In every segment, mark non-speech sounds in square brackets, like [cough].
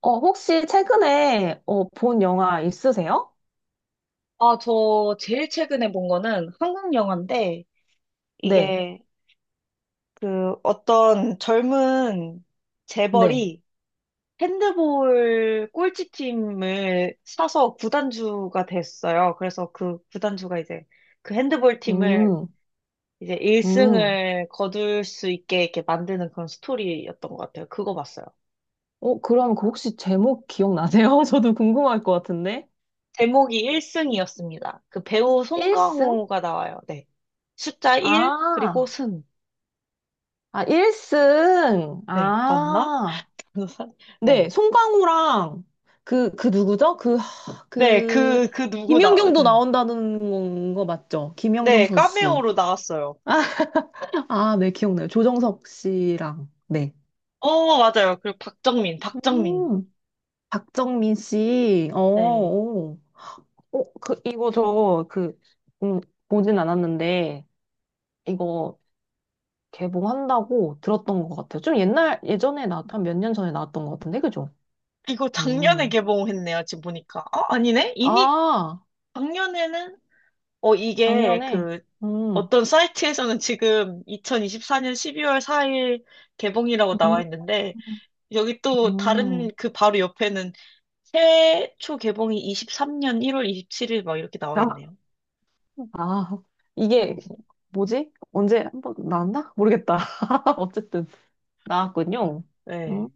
혹시 최근에 본 영화 있으세요? 아, 저 제일 최근에 본 거는 한국 영화인데, 네, 이게 그 어떤 젊은 네. 재벌이 핸드볼 꼴찌팀을 사서 구단주가 됐어요. 그래서 그 구단주가 이제 그 핸드볼 팀을 음. 이제 음. 1승을 거둘 수 있게 이렇게 만드는 그런 스토리였던 것 같아요. 그거 봤어요. 그럼 그 혹시 제목 기억나세요? [laughs] 저도 궁금할 것 같은데. 제목이 1승이었습니다. 그 배우 1승? 송강호가 나와요. 네. 숫자 1, 그리고 아, 승. 아, 1승. 네, 맞나? 아, [laughs] 변호사? 네. 네. 송강호랑 그 누구죠? 네, 그, 그 누구 나, 김연경도 네, 나온다는 거 맞죠? 김연경 네, 선수. 카메오로 나왔어요. [laughs] 아, 네, 기억나요. 조정석 씨랑. 네. 어, 맞아요. 그리고 박정민, 박정민. 음. 박정민 씨, 네. 그, 이거 저, 음, 보진 않았는데, 이거 개봉한다고 들었던 것 같아요. 좀 옛날, 예전에 나왔던, 몇 년 전에 나왔던 것 같은데, 그죠? 이거 작년에 음. 개봉했네요, 지금 보니까. 어, 아니네? 이미 아, 작년에는, 어, 이게 작년에, 그, 음, 어떤 사이트에서는 지금 2024년 12월 4일 개봉이라고 나와 음, 있는데, 여기 또 다른 음. 그 바로 옆에는 최초 개봉이 23년 1월 27일 막 이렇게 나와 아, 있네요. 아, 이게, 뭐지? 언제 한번 나왔나? 모르겠다. [laughs] 어쨌든, 어, 나왔군요. 음. 네.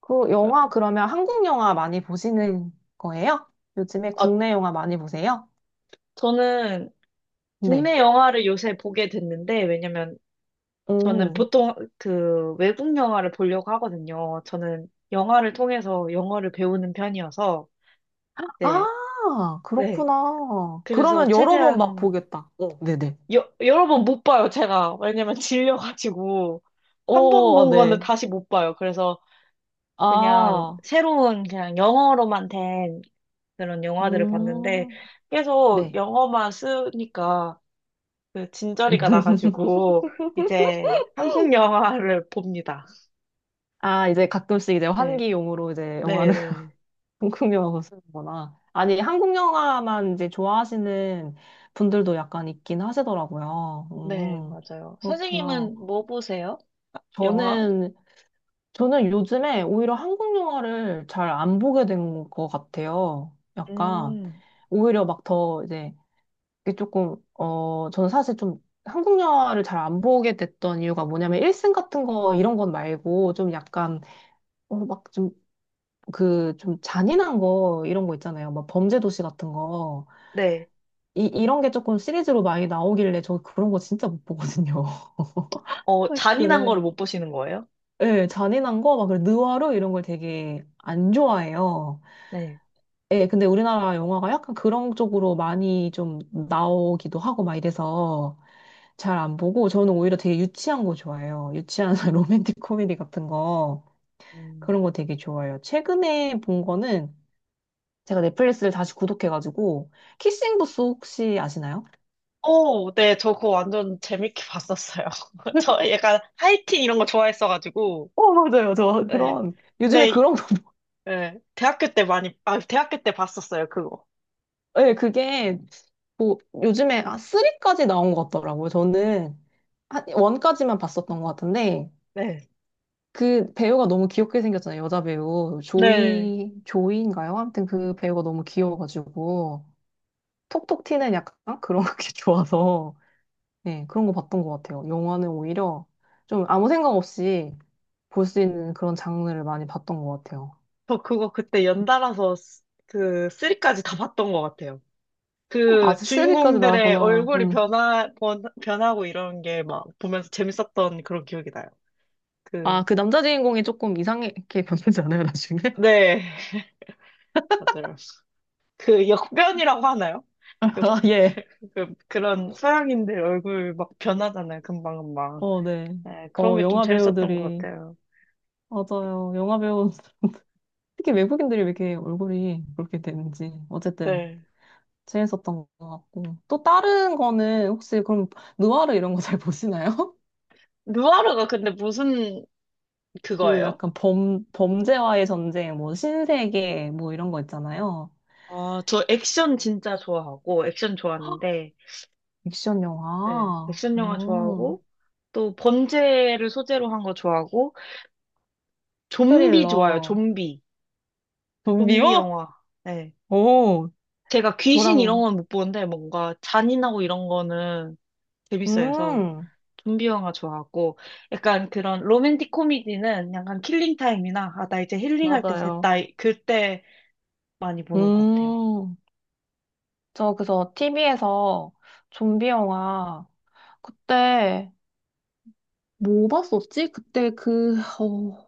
그 영화 그러면 한국 영화 많이 보시는 거예요? 요즘에 아, 국내 영화 많이 보세요? 저는 네. 국내 영화를 요새 보게 됐는데, 왜냐면 저는 오. 보통 그 외국 영화를 보려고 하거든요. 저는 영화를 통해서 영어를 배우는 편이어서, 네, 아, 네. 그렇구나. 그래서 그러면 여러 번 막 최대한, 보겠다. 네네. 여러 번 못 봐요, 제가. 왜냐면 [laughs] 질려가지고. 한 번 오, 본 거는 네. 다시 못 봐요. 그래서 그냥 아, 새로운 그냥 영어로만 된 그런 영화들을 봤는데, 음, 계속 네. 영어만 쓰니까 그 진저리가 [laughs] 나가지고 이제 한국 영화를 봅니다. 아, 이제 가끔씩 이제 네, 환기용으로 이제 네, 영화를 네, [laughs] 한국 영화로 쓰는구나. 아니, 한국 영화만 이제 좋아하시는 분들도 약간 있긴 하시더라고요. 네, 맞아요. 그렇구나. 선생님은 뭐 보세요? 영화? 저는 저는 요즘에 오히려 한국 영화를 잘 안 보게 된 것 같아요. 약간, 음, 오히려 막 더 이제, 이게 조금, 저는 사실 좀 한국 영화를 잘 안 보게 됐던 이유가 뭐냐면, 일생 같은 거, 이런 건 말고, 좀 약간, 어, 막 좀, 그, 좀 잔인한 거, 이런 거 있잖아요. 막 범죄도시 같은 거. 네. 이런 게 조금 시리즈로 많이 나오길래, 저 그런 거 진짜 못 보거든요. [laughs] 어, 아, 잔인한 그래. 거를 못 보시는 거예요? 예, 잔인한 거, 막, 그 느와르 이런 걸 되게 안 좋아해요. 네. 예, 근데 우리나라 영화가 약간 그런 쪽으로 많이 좀 나오기도 하고 막 이래서 잘 안 보고 저는 오히려 되게 유치한 거 좋아해요. 유치한 [laughs] 로맨틱 코미디 같은 거 음. 그런 거 되게 좋아해요. 최근에 본 거는 제가 넷플릭스를 다시 구독해가지고 키싱 부스 혹시 아시나요? 오, 네, 저 그거 완전 재밌게 봤었어요. [laughs] 저 [laughs] 약간 하이틴 이런 거 좋아했어가지고, 맞아요. 저 네. 그런 요즘에 네, 그런 거 네. 대학교 때 많이, 아, 대학교 때 봤었어요, 그거. [laughs] 예, 그게 뭐 요즘에 아, 3까지 나온 것 같더라고요. 저는 한 1까지만 봤었던 것 같은데 네. 그 배우가 너무 귀엽게 생겼잖아요. 여자 배우. 네. 조이, 조이인가요? 아무튼 그 배우가 너무 귀여워가지고. 톡톡 튀는 약간 그런 [laughs] 게 좋아서. 네, 그런 거 봤던 것 같아요. 영화는 오히려 좀 아무 생각 없이 볼 수 있는 그런 장르를 많이 봤던 것 같아요. 저 그거 그때 연달아서 그 3까지 다 봤던 것 같아요. 아, 그 세리까지 주인공들의 나왔구나. 얼굴이 음. 변하고 이런 게 막 보면서 재밌었던 그런 기억이 나요. 아, 그, 그 남자 주인공이 조금 이상하게 [laughs] 변하지 않아요, 나중에? 네, 맞아요. 그 역변이라고 하나요? [laughs] 역, 아, 예. 그, 그런 서양인들 얼굴 막 변하잖아요. 금방금방. 어, 네. 네, 그런 어, 게 좀 영화 재밌었던 것 배우들이. 같아요. 맞아요. 영화 배우. 특히 외국인들이 왜 이렇게 얼굴이 그렇게 되는지 어쨌든 네. 재밌었던 것 같고 또 다른 거는 혹시 그럼 느와르 이런 거 잘 보시나요? [laughs] 누아르가 근데 무슨 그 그거예요? 약간 범 범죄와의 전쟁 뭐 신세계 뭐 이런 거 있잖아요. 아, 저 액션 진짜 좋아하고, 액션 좋아하는데, 액션 네, 영화, 액션 영화 좋아하고, 또 범죄를 소재로 한 거 좋아하고, 좀비 좋아요, 스릴러, 좀비. 좀비 좀비요? 영화. 네. 오, 제가 귀신 이런 저랑 건 못 보는데, 뭔가 잔인하고 이런 거는 재밌어 해서 음 좀비 영화 좋아하고, 약간 그런 로맨틱 코미디는 약간 킬링 타임이나, 아, 나 이제 힐링할 때 맞아요. 됐다. 그때 많이 보는 것 같아요. 음, 저 그래서 TV에서 좀비 영화 그때 뭐 봤었지?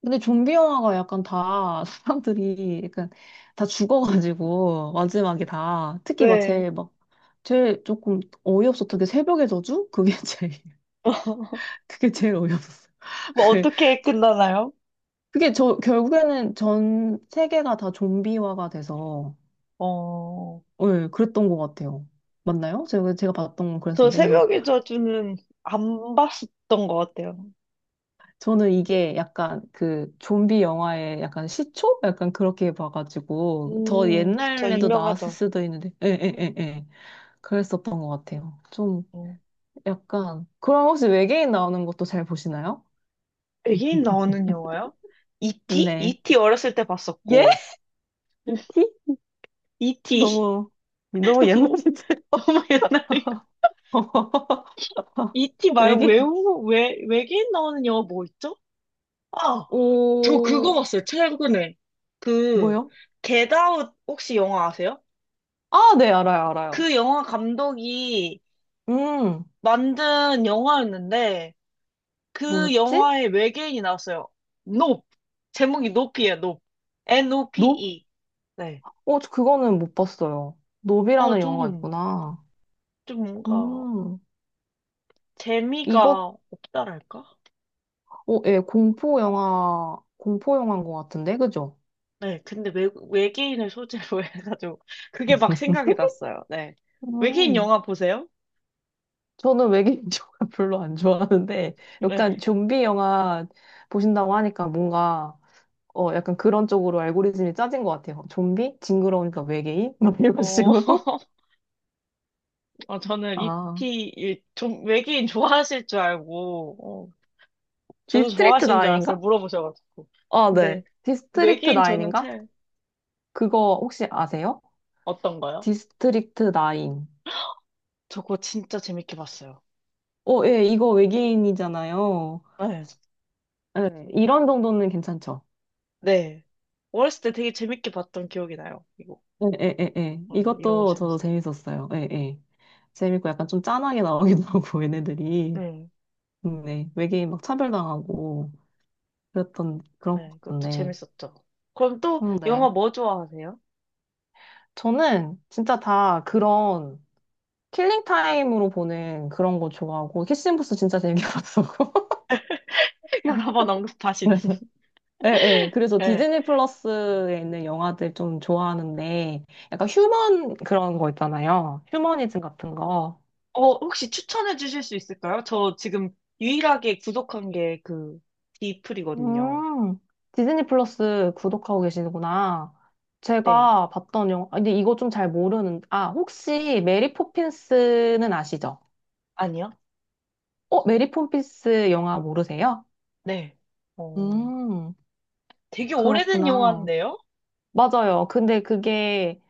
근데 좀비 영화가 약간 다 [laughs] 사람들이 약간 다 죽어가지고, 마지막에 다. 특히 막 네. 제일 막, 제일 조금 어이없었던 게 새벽의 저주? 그게 [laughs] 제일, 그게 제일 어이없었어요. [laughs] 뭐 그게 어떻게 끝나나요? 결국에는 전 세계가 다 좀비화가 돼서, 어, 예, 그랬던 것 같아요. 맞나요? 제가 봤던 건 저 그랬는데. 그래서 새벽의 저주는 안 봤었던 것 같아요. 저는 이게 약간 그 좀비 영화의 약간 시초? 약간 그렇게 봐가지고 더 그쵸. 옛날에도 나왔을 유명하죠. 수도 있는데 에에에예 그랬었던 것 같아요. 좀 어. 약간 그럼 혹시 외계인 나오는 것도 잘 보시나요? 외계인 나오는 영화요? E.T.? 네. E.T. 어렸을 때 예? 봤었고. 이티? E.T. 너무 [laughs] 너무 너무, 옛날이세요? 너무 옛날이고. [laughs] E.T. 말고 외계인 외계인 나오는 영화 뭐 있죠? 아, 저 그거 오 봤어요. 최근에. 그, 뭐요? 겟아웃 혹시 영화 아세요? 아, 네 알아요 알아요. 그 영화 감독이 음 만든 영화였는데, 그 뭐였지? 영화에 외계인이 나왔어요. 높. 제목이 높이에요, 높. 노? NOPE. 저 그거는 못 봤어요. 아, 노비라는 영화가 있구나. 좀 뭔가 음, 이것, 재미가 없다랄까? 예, 공포 영화, 공포 영화인 것 같은데, 그죠? 네, 근데 외계인을 소재로 [laughs] 해가지고 그게 막 생각이 났어요. 네. 외계인 음, 영화 보세요? 저는 외계인 [laughs] 영화 별로 안 좋아하는데, 네. 약간 좀비 영화 보신다고 하니까 뭔가, 약간 그런 쪽으로 알고리즘이 짜진 것 같아요. 좀비? 징그러우니까 외계인? [laughs] 막 이런 어, 식으로? [laughs] 어, 저는 아, 좀 외계인 좋아하실 줄 알고, 어, 저도 디스트릭트 좋아하시는 나줄 인인 알았어요. 가 물어보셔가지고. 아, 근데 네. 디스트릭트 외계인 나인인 저는 가 참 그거 혹시 아세요? 어떤 거요? 디스트릭트 나인 저거 진짜 재밌게 봤어요. 예, 이거 외계인이잖아요. 네. 예, 이런 정도는 괜찮죠. 네. 어렸을 때 되게 재밌게 봤던 기억이 나요. 이거. 에에에에 어, 이런 거 이것도 저도 재밌어. 재밌었어요. 에에 재밌고 약간 좀 짠하게 나오기도 [laughs] 하고 얘네들이 네 외계인 막 차별당하고 그랬던 그런 것 네, 그것도 같던데. 재밌었죠. 그럼 또 영화 네. 뭐 좋아하세요? 저는 진짜 다 그런 킬링 타임으로 보는 그런 거 좋아하고 키싱부스 진짜 재밌게 [laughs] 봤었고. [laughs] 여러 번 언급하시는. 그래서 [laughs] 예, 예. 그래서 네. 디즈니 플러스에 있는 영화들 좀 좋아하는데 약간 휴먼 그런 거 있잖아요. 휴머니즘 같은 거. 어, 혹시 추천해 주실 수 있을까요? 저 지금 유일하게 구독한 게 그 디플이거든요. 음, 디즈니 플러스 구독하고 계시는구나. 네. 제가 봤던 영화, 아, 근데 이거 좀 잘 모르는, 아, 혹시 메리 포핀스는 아시죠? 아니요? 메리 포핀스 영화 모르세요? 네. 어, 음, 되게 오래된 그렇구나. 영화인데요? 맞아요. 근데 그게,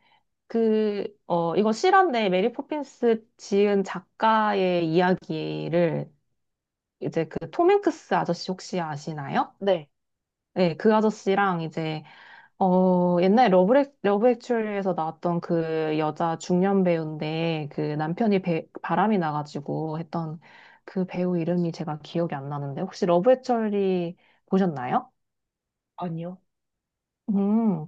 이거 실화인데 메리 포핀스 지은 작가의 이야기를 이제 그 톰 행크스 아저씨 혹시 아시나요? 네. 네, 그 아저씨랑 이제 옛날에 러브 액츄얼리에서 나왔던 그 여자 중년 배우인데 그 남편이 바람이 나가지고 했던 그 배우 이름이 제가 기억이 안 나는데 혹시 러브 액츄얼리 보셨나요? 아니요? 음.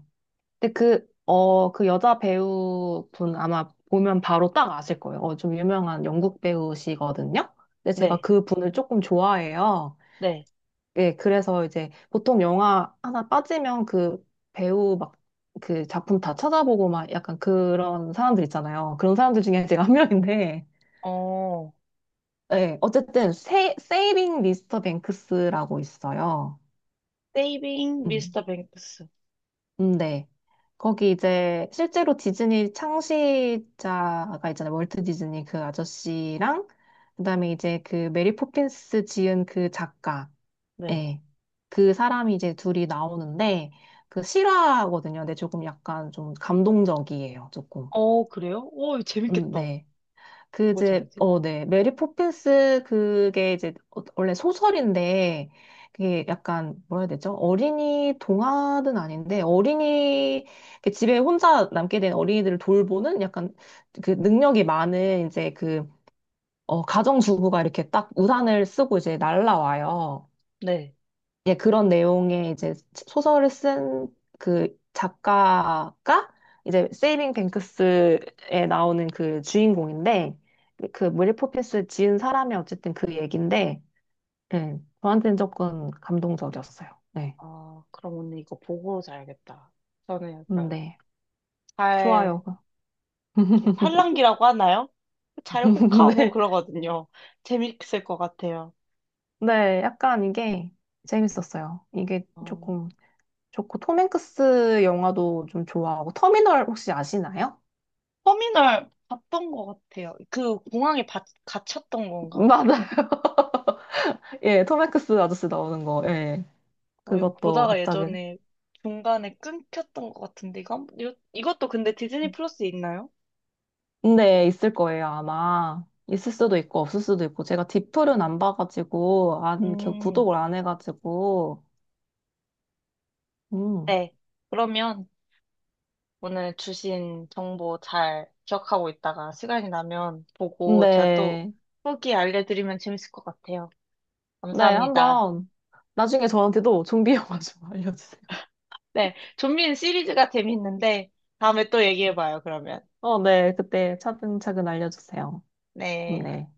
근데 그 여자 배우분 아마 보면 바로 딱 아실 거예요. 좀 유명한 영국 배우시거든요. 근데 제가 네. 그 분을 조금 좋아해요. 네. 예, 그래서 이제 보통 영화 하나 빠지면 그 배우 막 그 작품 다 찾아보고 막 약간 그런 사람들 있잖아요. 그런 사람들 중에 제가 한 명인데, 어, [laughs] 예, 어쨌든 세이빙 미스터 뱅크스라고 있어요. 세이빙 음, 미스터 뱅크스. 네. 거기 이제 실제로 디즈니 창시자가 있잖아요. 월트 디즈니 그 아저씨랑 그다음에 이제 그 메리 포핀스 지은 그 작가 네. 예. 그 사람이 이제 둘이 나오는데 그 실화거든요. 근데 조금 약간 좀 감동적이에요. 조금. 어, 그래요? 오, 재밌겠다. 네. 그 뭐지 이제 알지? 어, 네. 메리 포핀스 그게 이제 원래 소설인데 그게 약간 뭐라 해야 되죠? 어린이 동화는 아닌데 어린이 그 집에 혼자 남게 된 어린이들을 돌보는 약간 그 능력이 많은 이제 그 가정주부가 이렇게 딱 우산을 쓰고 이제 날라와요. 네. 예, 그런 내용의 이제 소설을 쓴 그 작가가 이제 세이빙 뱅크스에 나오는 그 주인공인데 그 메리 포핀스 지은 사람이 어쨌든 그 얘긴데 예, 저한테는 조금 감동적이었어요. 네. 아, 그럼 오늘 이거 보고 자야겠다. 저는 약간 네. 잘, 좋아요. [laughs] 이렇게 팔랑귀라고 하나요? 잘 혹하고 네. 그러거든요. 재밌을 것 같아요. 네. 약간 이게 재밌었어요. 이게 어, 조금 좋고 톰 행크스 영화도 좀 좋아하고 터미널 혹시 아시나요? 터미널 봤던 것 같아요. 그 공항에 갇혔던 [laughs] 건가? 맞아요. 예, 톰 행크스 아저씨 나오는 거. 예. 어, 이거 그것도 보다가 갑자기. 예전에 중간에 끊겼던 것 같은데, 이거, 이것도 근데 디즈니 플러스에 있나요? 근데 있을 거예요, 아마. 있을 수도 있고, 없을 수도 있고. 제가 디플은 안 봐가지고, 안, 음, 구독을 안 해가지고. 음. 네. 그러면 오늘 주신 정보 잘 기억하고 있다가 시간이 나면 보고 제가 또 근데, 후기 알려드리면 재밌을 것 같아요. 네, 감사합니다. 한번, 나중에 저한테도 [laughs] 좀비 영화 좀 [laughs] 알려주세요. 네. 좀비는 시리즈가 재밌는데, 다음에 또 얘기해봐요, 그러면. 어, 네, 그때 차근차근 알려주세요. 네. 네.